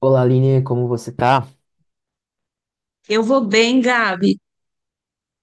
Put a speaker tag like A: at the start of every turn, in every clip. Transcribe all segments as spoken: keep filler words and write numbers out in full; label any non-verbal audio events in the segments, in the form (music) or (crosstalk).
A: Olá, Aline, como você tá?
B: Eu vou bem, Gabi.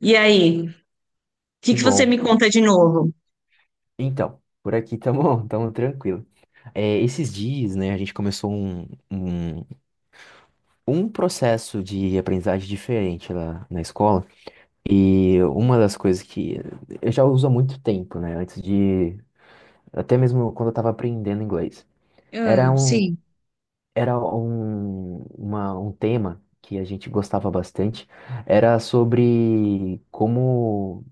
B: E aí? O que
A: Que
B: que você
A: bom.
B: me conta de novo?
A: Então, por aqui tamo, (laughs) tamo tranquilo. É, esses dias, né, a gente começou um, um, um processo de aprendizagem diferente lá na escola. E uma das coisas que eu já uso há muito tempo, né, antes de... até mesmo quando eu tava aprendendo inglês. Era
B: Ah,
A: um,
B: sim.
A: era um, uma, um tema que a gente gostava bastante. Era sobre como...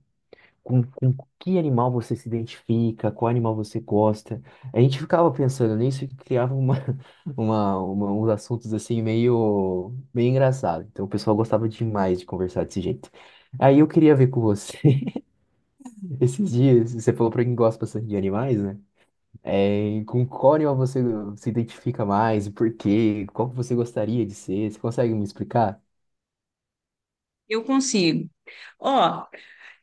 A: com, com que animal você se identifica, qual animal você gosta. A gente ficava pensando nisso e criava uma, (laughs) uma, uma- uns assuntos assim meio, meio engraçados. Então o pessoal gostava demais de conversar desse jeito. Aí eu queria ver com você, (laughs) esses dias, você falou pra quem gosta bastante de animais, né? É, com qual animal você se identifica mais, e por quê? Qual que você gostaria de ser? Você consegue me explicar?
B: Eu consigo. Ó,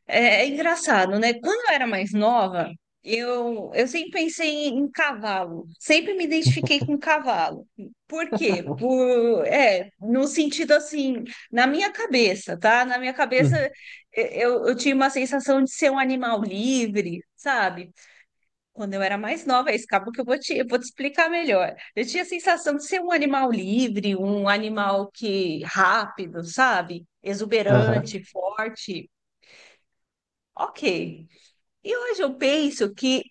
B: é, é engraçado, né? Quando eu era mais nova, eu, eu sempre pensei em, em cavalo, sempre me identifiquei com cavalo. Por quê? Por, é, no sentido assim, na minha cabeça, tá? Na minha cabeça,
A: Hum.
B: eu, eu tinha uma sensação de ser um animal livre, sabe? Quando eu era mais nova, é isso, que eu vou te, eu vou te explicar melhor. Eu tinha a sensação de ser um animal livre, um animal que rápido, sabe?
A: Aham.
B: Exuberante, forte. Ok. E hoje eu penso que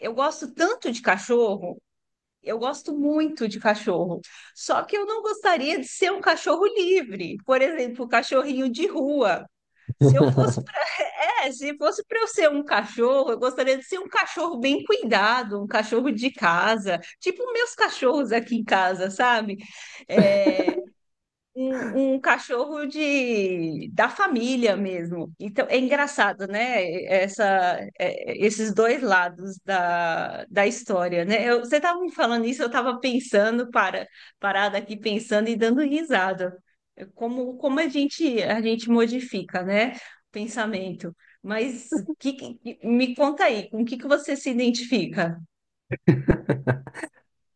B: eu gosto tanto de cachorro, eu gosto muito de cachorro. Só que eu não gostaria de ser um cachorro livre. Por exemplo, o cachorrinho de rua. Se eu fosse…
A: (laughs)
B: É, se fosse para eu ser um cachorro, eu gostaria de ser um cachorro bem cuidado, um cachorro de casa, tipo meus cachorros aqui em casa, sabe? É, Um, um cachorro de da família mesmo. Então é engraçado, né? Essa, é, esses dois lados da, da história, né? Eu- você estava me falando isso, eu estava pensando, para, parada aqui pensando e dando risada. É. Como, como a gente a gente modifica, né? O pensamento. Mas que, que- me conta aí, com o que que você se identifica?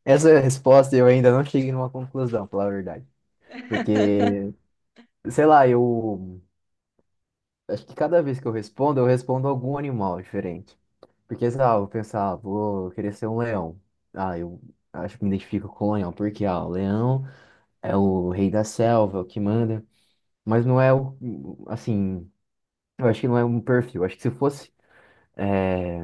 A: Essa resposta eu ainda não cheguei numa conclusão, pela verdade. Porque, sei lá, eu acho que cada vez que eu respondo, eu respondo algum animal diferente. Porque, sei lá, eu vou pensar, ah, vou querer ser um leão. Ah, eu acho que me identifico com o leão, porque, ah, o leão é o rei da selva, é o que manda. Mas não é o, assim, eu acho que não é um perfil. Acho que se fosse, eh,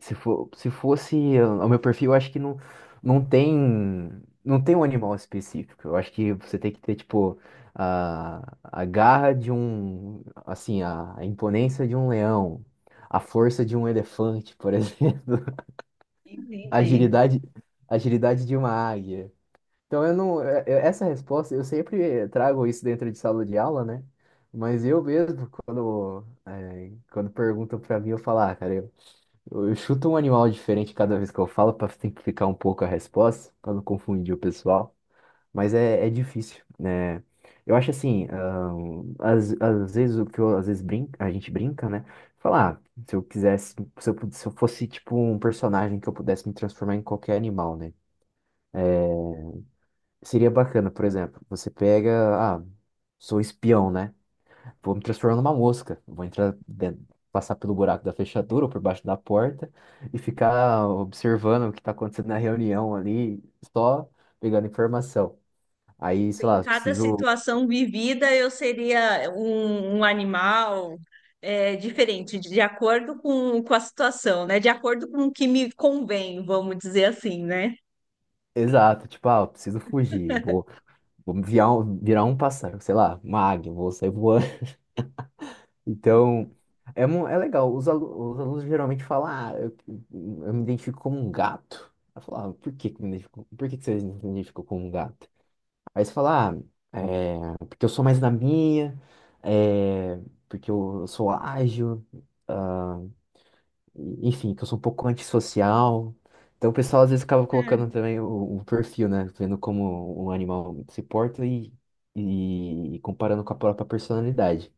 A: Se for, se fosse uh, o meu perfil, eu acho que não, não tem, não tem um animal específico. Eu acho que você tem que ter, tipo, a, a garra de um, assim, a, a imponência de um leão, a força de um elefante, por (laughs) exemplo, a
B: Entendi.
A: agilidade, a agilidade de uma águia. Então, eu não, é- é- essa resposta, eu sempre trago isso dentro de sala de aula, né? Mas eu mesmo, quando, é, quando perguntam pra mim, eu falo, ah, cara, eu eu chuto um animal diferente cada vez que eu falo para simplificar um pouco a resposta, para não confundir o pessoal. Mas é, é difícil, né? Eu acho assim, ahn, às, às vezes o que eu, às vezes brinca, a gente brinca, né? Falar, ah, se eu quisesse, se eu, pud- se eu fosse tipo um personagem que eu pudesse me transformar em qualquer animal, né? Seria bacana, por exemplo, você pega, ah, sou espião, né? Vou me transformar numa mosca. Vou entrar dentro, passar pelo buraco da fechadura ou por baixo da porta e ficar observando o que está acontecendo na reunião ali, só pegando informação. Aí, sei
B: Em
A: lá,
B: cada
A: preciso.
B: situação vivida, eu seria um, um animal é, diferente, de acordo com, com a situação, né? De acordo com o que me convém, vamos dizer assim, né?
A: Exato, tipo, ah, eu preciso fugir. Vou, vou virar um, virar um pássaro, sei lá, uma águia, vou sair voando. (laughs) Então, é, mu- é legal. Os, alu- os alunos geralmente falam, ah, eu, eu, me identifico como um gato. Eu falo, ah, por que que me identifico- por que que você se identificou como um gato? Aí você fala, ah, é, porque eu sou mais na minha, é, porque eu sou ágil, ah, e- enfim, que eu sou um pouco antissocial. Então o pessoal às vezes acaba colocando
B: É.
A: também o, o perfil, né? Vendo como um animal se porta e, e comparando com a própria personalidade.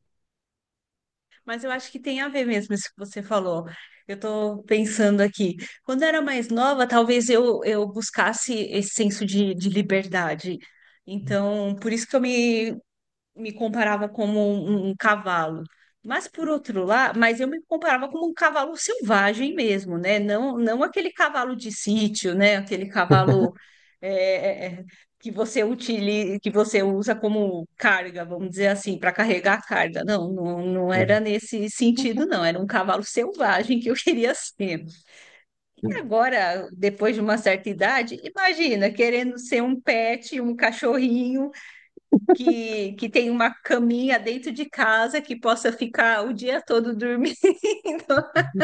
B: Mas eu acho que tem a ver mesmo isso que você falou. Eu estou pensando aqui. Quando eu era mais nova, talvez eu, eu buscasse esse senso de, de liberdade. Então, por isso que eu me me comparava como um, um cavalo. Mas por outro lado, mas eu me comparava como um cavalo selvagem mesmo, né? Não, não aquele cavalo de sítio, né? Aquele cavalo
A: (laughs)
B: é, é, é, que você utiliza, que você usa como carga, vamos dizer assim, para carregar a carga. Não, não, não era nesse sentido, não. Era um cavalo selvagem que eu (laughs) queria ser. E
A: Uhum.
B: agora, depois de uma certa idade, imagina, querendo ser um pet, um cachorrinho que, que tem uma caminha dentro de casa que possa ficar o dia todo dormindo, (laughs)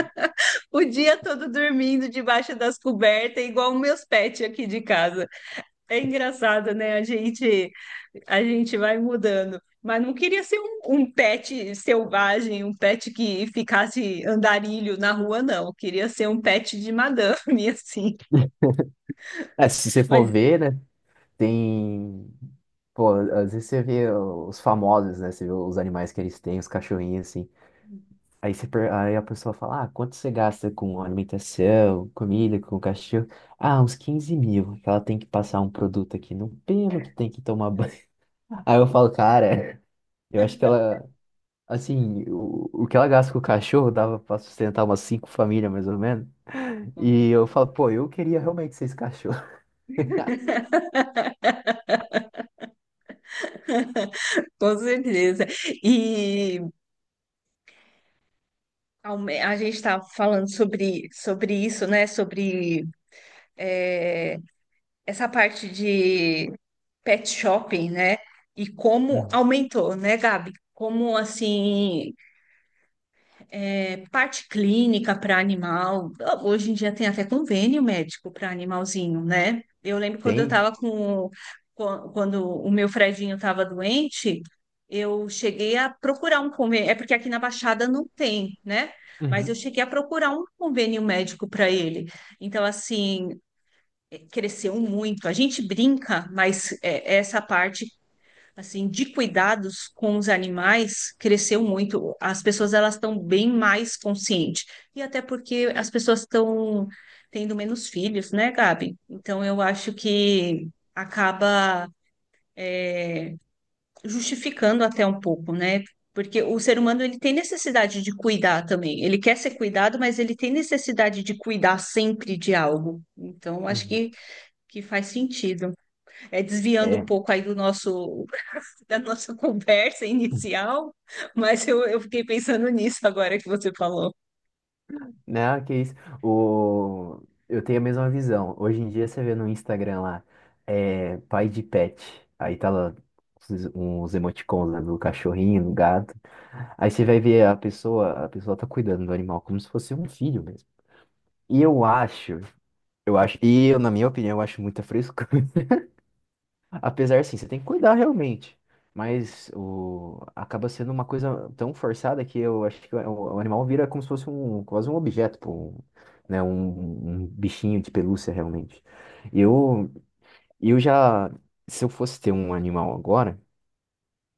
B: o dia todo dormindo debaixo das cobertas, igual meus pets aqui de casa. É engraçado, né? A gente, a gente vai mudando. Mas não queria ser um, um pet selvagem, um pet que ficasse andarilho na rua, não. Queria ser um pet de madame, (laughs) assim.
A: É, se você for
B: Mas
A: ver, né? Tem. Pô, às vezes você vê os famosos, né? Você vê os animais que eles têm, os cachorrinhos, assim. Aí, você, per- aí a pessoa fala, ah, quanto você gasta com alimentação, comida, com cachorro? Ah, uns quinze mil, que ela tem que passar um produto aqui no pelo, que tem que tomar banho. (laughs) Aí eu falo, cara, eu acho que ela, assim, o, o que ela gasta com o cachorro dava pra sustentar umas cinco famílias, mais ou menos.
B: com
A: E eu falo,
B: certeza.
A: pô, eu queria realmente ser esse cachorro.
B: Com certeza. E Aume- a gente está falando sobre, sobre isso, né? Sobre é, essa parte de pet shopping, né? E como
A: Uhum.
B: aumentou, né, Gabi? Como assim… Parte clínica para animal. Hoje em dia tem até convênio médico para animalzinho, né? Eu lembro
A: (laughs)
B: quando eu
A: Tem?
B: estava com… quan- Quando o meu Fredinho estava doente, eu cheguei a procurar um convênio. É porque aqui na Baixada não tem, né? Mas eu
A: Uhum,
B: cheguei a procurar um convênio médico para ele. Então, assim, cresceu muito. A gente brinca, mas é, essa parte assim, de cuidados com os animais cresceu muito. As pessoas elas estão bem mais conscientes. E até porque as pessoas estão tendo menos filhos, né, Gabi? Então eu acho que acaba justificando até um pouco, né? Porque o ser humano ele tem necessidade de cuidar também. Ele quer ser cuidado, mas ele tem necessidade de cuidar sempre de algo. Então, acho
A: uhum.
B: que, que faz sentido. É desviando um
A: É.
B: pouco aí do nosso da nossa (laughs) conversa inicial, mas eu, eu fiquei pensando nisso agora que você falou.
A: Não, que isso. O... Eu tenho a mesma visão. Hoje em dia você vê no Instagram lá, é pai de pet. Aí tá lá uns uns emoticons, né, do cachorrinho, do gato. Aí você vai ver a pessoa, a pessoa tá cuidando do animal como se fosse um filho mesmo. E eu acho, eu acho, e eu, na minha opinião, eu acho muita frescura. Apesar, sim, você tem que cuidar realmente. Mas o... acaba sendo uma coisa tão forçada que eu acho que o, o, animal vira como se fosse um, quase um objeto, pô, um, né? Um, um bichinho de pelúcia, realmente. Eu, eu já, se eu fosse ter um animal agora,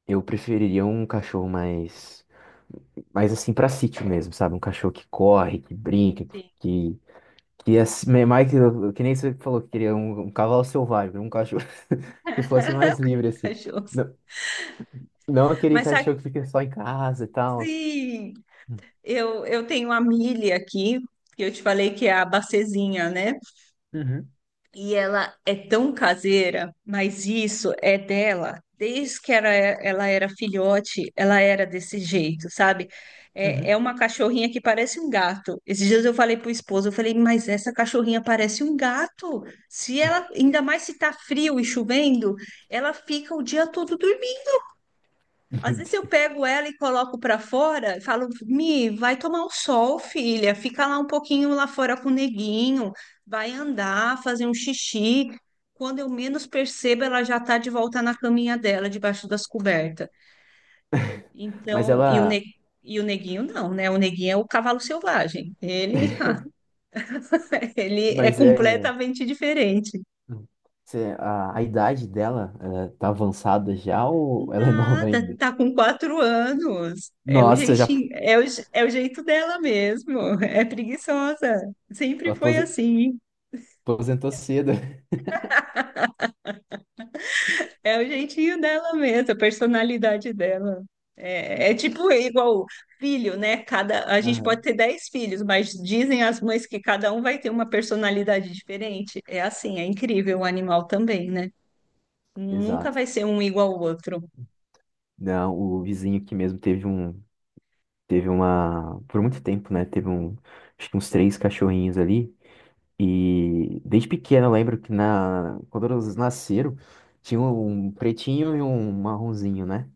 A: eu preferiria um cachorro mais, mais assim, pra sítio mesmo, sabe? Um cachorro que corre, que brinca,
B: Sim.
A: que, que é assim- é mais que, que nem você falou que queria um, um cavalo selvagem, um cachorro (laughs) que fosse mais
B: (laughs)
A: livre, assim.
B: Cachorros.
A: Não aquele
B: Mas
A: cachorro
B: sabe,
A: que fica só em casa e tal. (laughs)
B: eu, eu tenho a Millie aqui, que eu te falei que é a bacezinha, né?
A: Uhum,
B: E ela é tão caseira, mas isso é dela. Desde que era, ela era filhote, ela era desse jeito, sabe? É, é
A: uhum.
B: uma cachorrinha que parece um gato. Esses dias eu falei pro esposo, eu falei, mas essa cachorrinha parece um gato. Se ela, ainda mais se tá frio e chovendo, ela fica o dia todo…
A: Meu
B: às vezes eu
A: Deus.
B: pego ela e coloco para fora e falo, Mi, vai tomar um sol, filha. Fica lá um pouquinho lá fora com o neguinho, vai andar, fazer um xixi. Quando eu menos percebo, ela já tá de volta na caminha dela, debaixo das cobertas.
A: Mas
B: Então, e o,
A: ela.
B: ne- e o neguinho não, né? O neguinho é o cavalo selvagem. Ele, (laughs) ele é
A: Mas é.
B: completamente diferente.
A: Cê- A, a idade dela, ela tá avançada já ou ela é nova
B: Nada,
A: ainda?
B: tá com quatro anos. É o
A: Nossa, já
B: jeitinho, é o, je- é o jeito dela mesmo. É preguiçosa. Sempre foi
A: apose-
B: assim.
A: aposentou cedo.
B: É o jeitinho dela mesmo, a personalidade dela. É, é tipo igual filho, né? Cada, a gente
A: Aham.
B: pode ter dez filhos, mas dizem as mães que cada um vai ter uma personalidade diferente. É assim, é incrível o animal também, né?
A: (laughs)
B: Nunca
A: Exato.
B: vai ser um igual ao outro.
A: Não, o vizinho aqui mesmo teve um. Teve uma. Por muito tempo, né? Teve um. Acho que uns três cachorrinhos ali. E desde pequeno eu lembro que na, quando eles nasceram, tinha um pretinho e um marronzinho, né?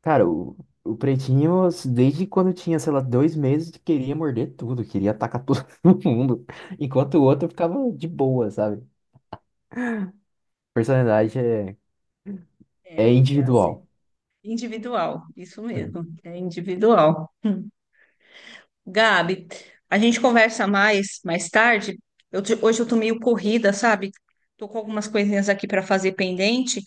A: Cara, o, o pretinho, assim, desde quando eu tinha, sei lá, dois meses, queria morder tudo, queria atacar todo (laughs) mundo, enquanto o outro ficava de boa, sabe? Personalidade é, é
B: É, é assim.
A: individual.
B: Individual, isso
A: Uhum.
B: mesmo, é individual. Gabi, a gente conversa mais mais tarde. Eu te- hoje eu tô meio corrida, sabe? Tô com algumas coisinhas aqui para fazer pendente,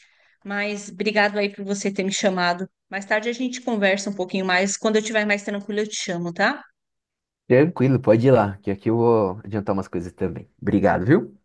B: mas obrigado aí por você ter me chamado. Mais tarde a gente conversa um pouquinho mais. Quando eu estiver mais tranquila, eu te chamo, tá?
A: Tranquilo, pode ir lá, que aqui eu vou adiantar umas coisas também. Obrigado, viu?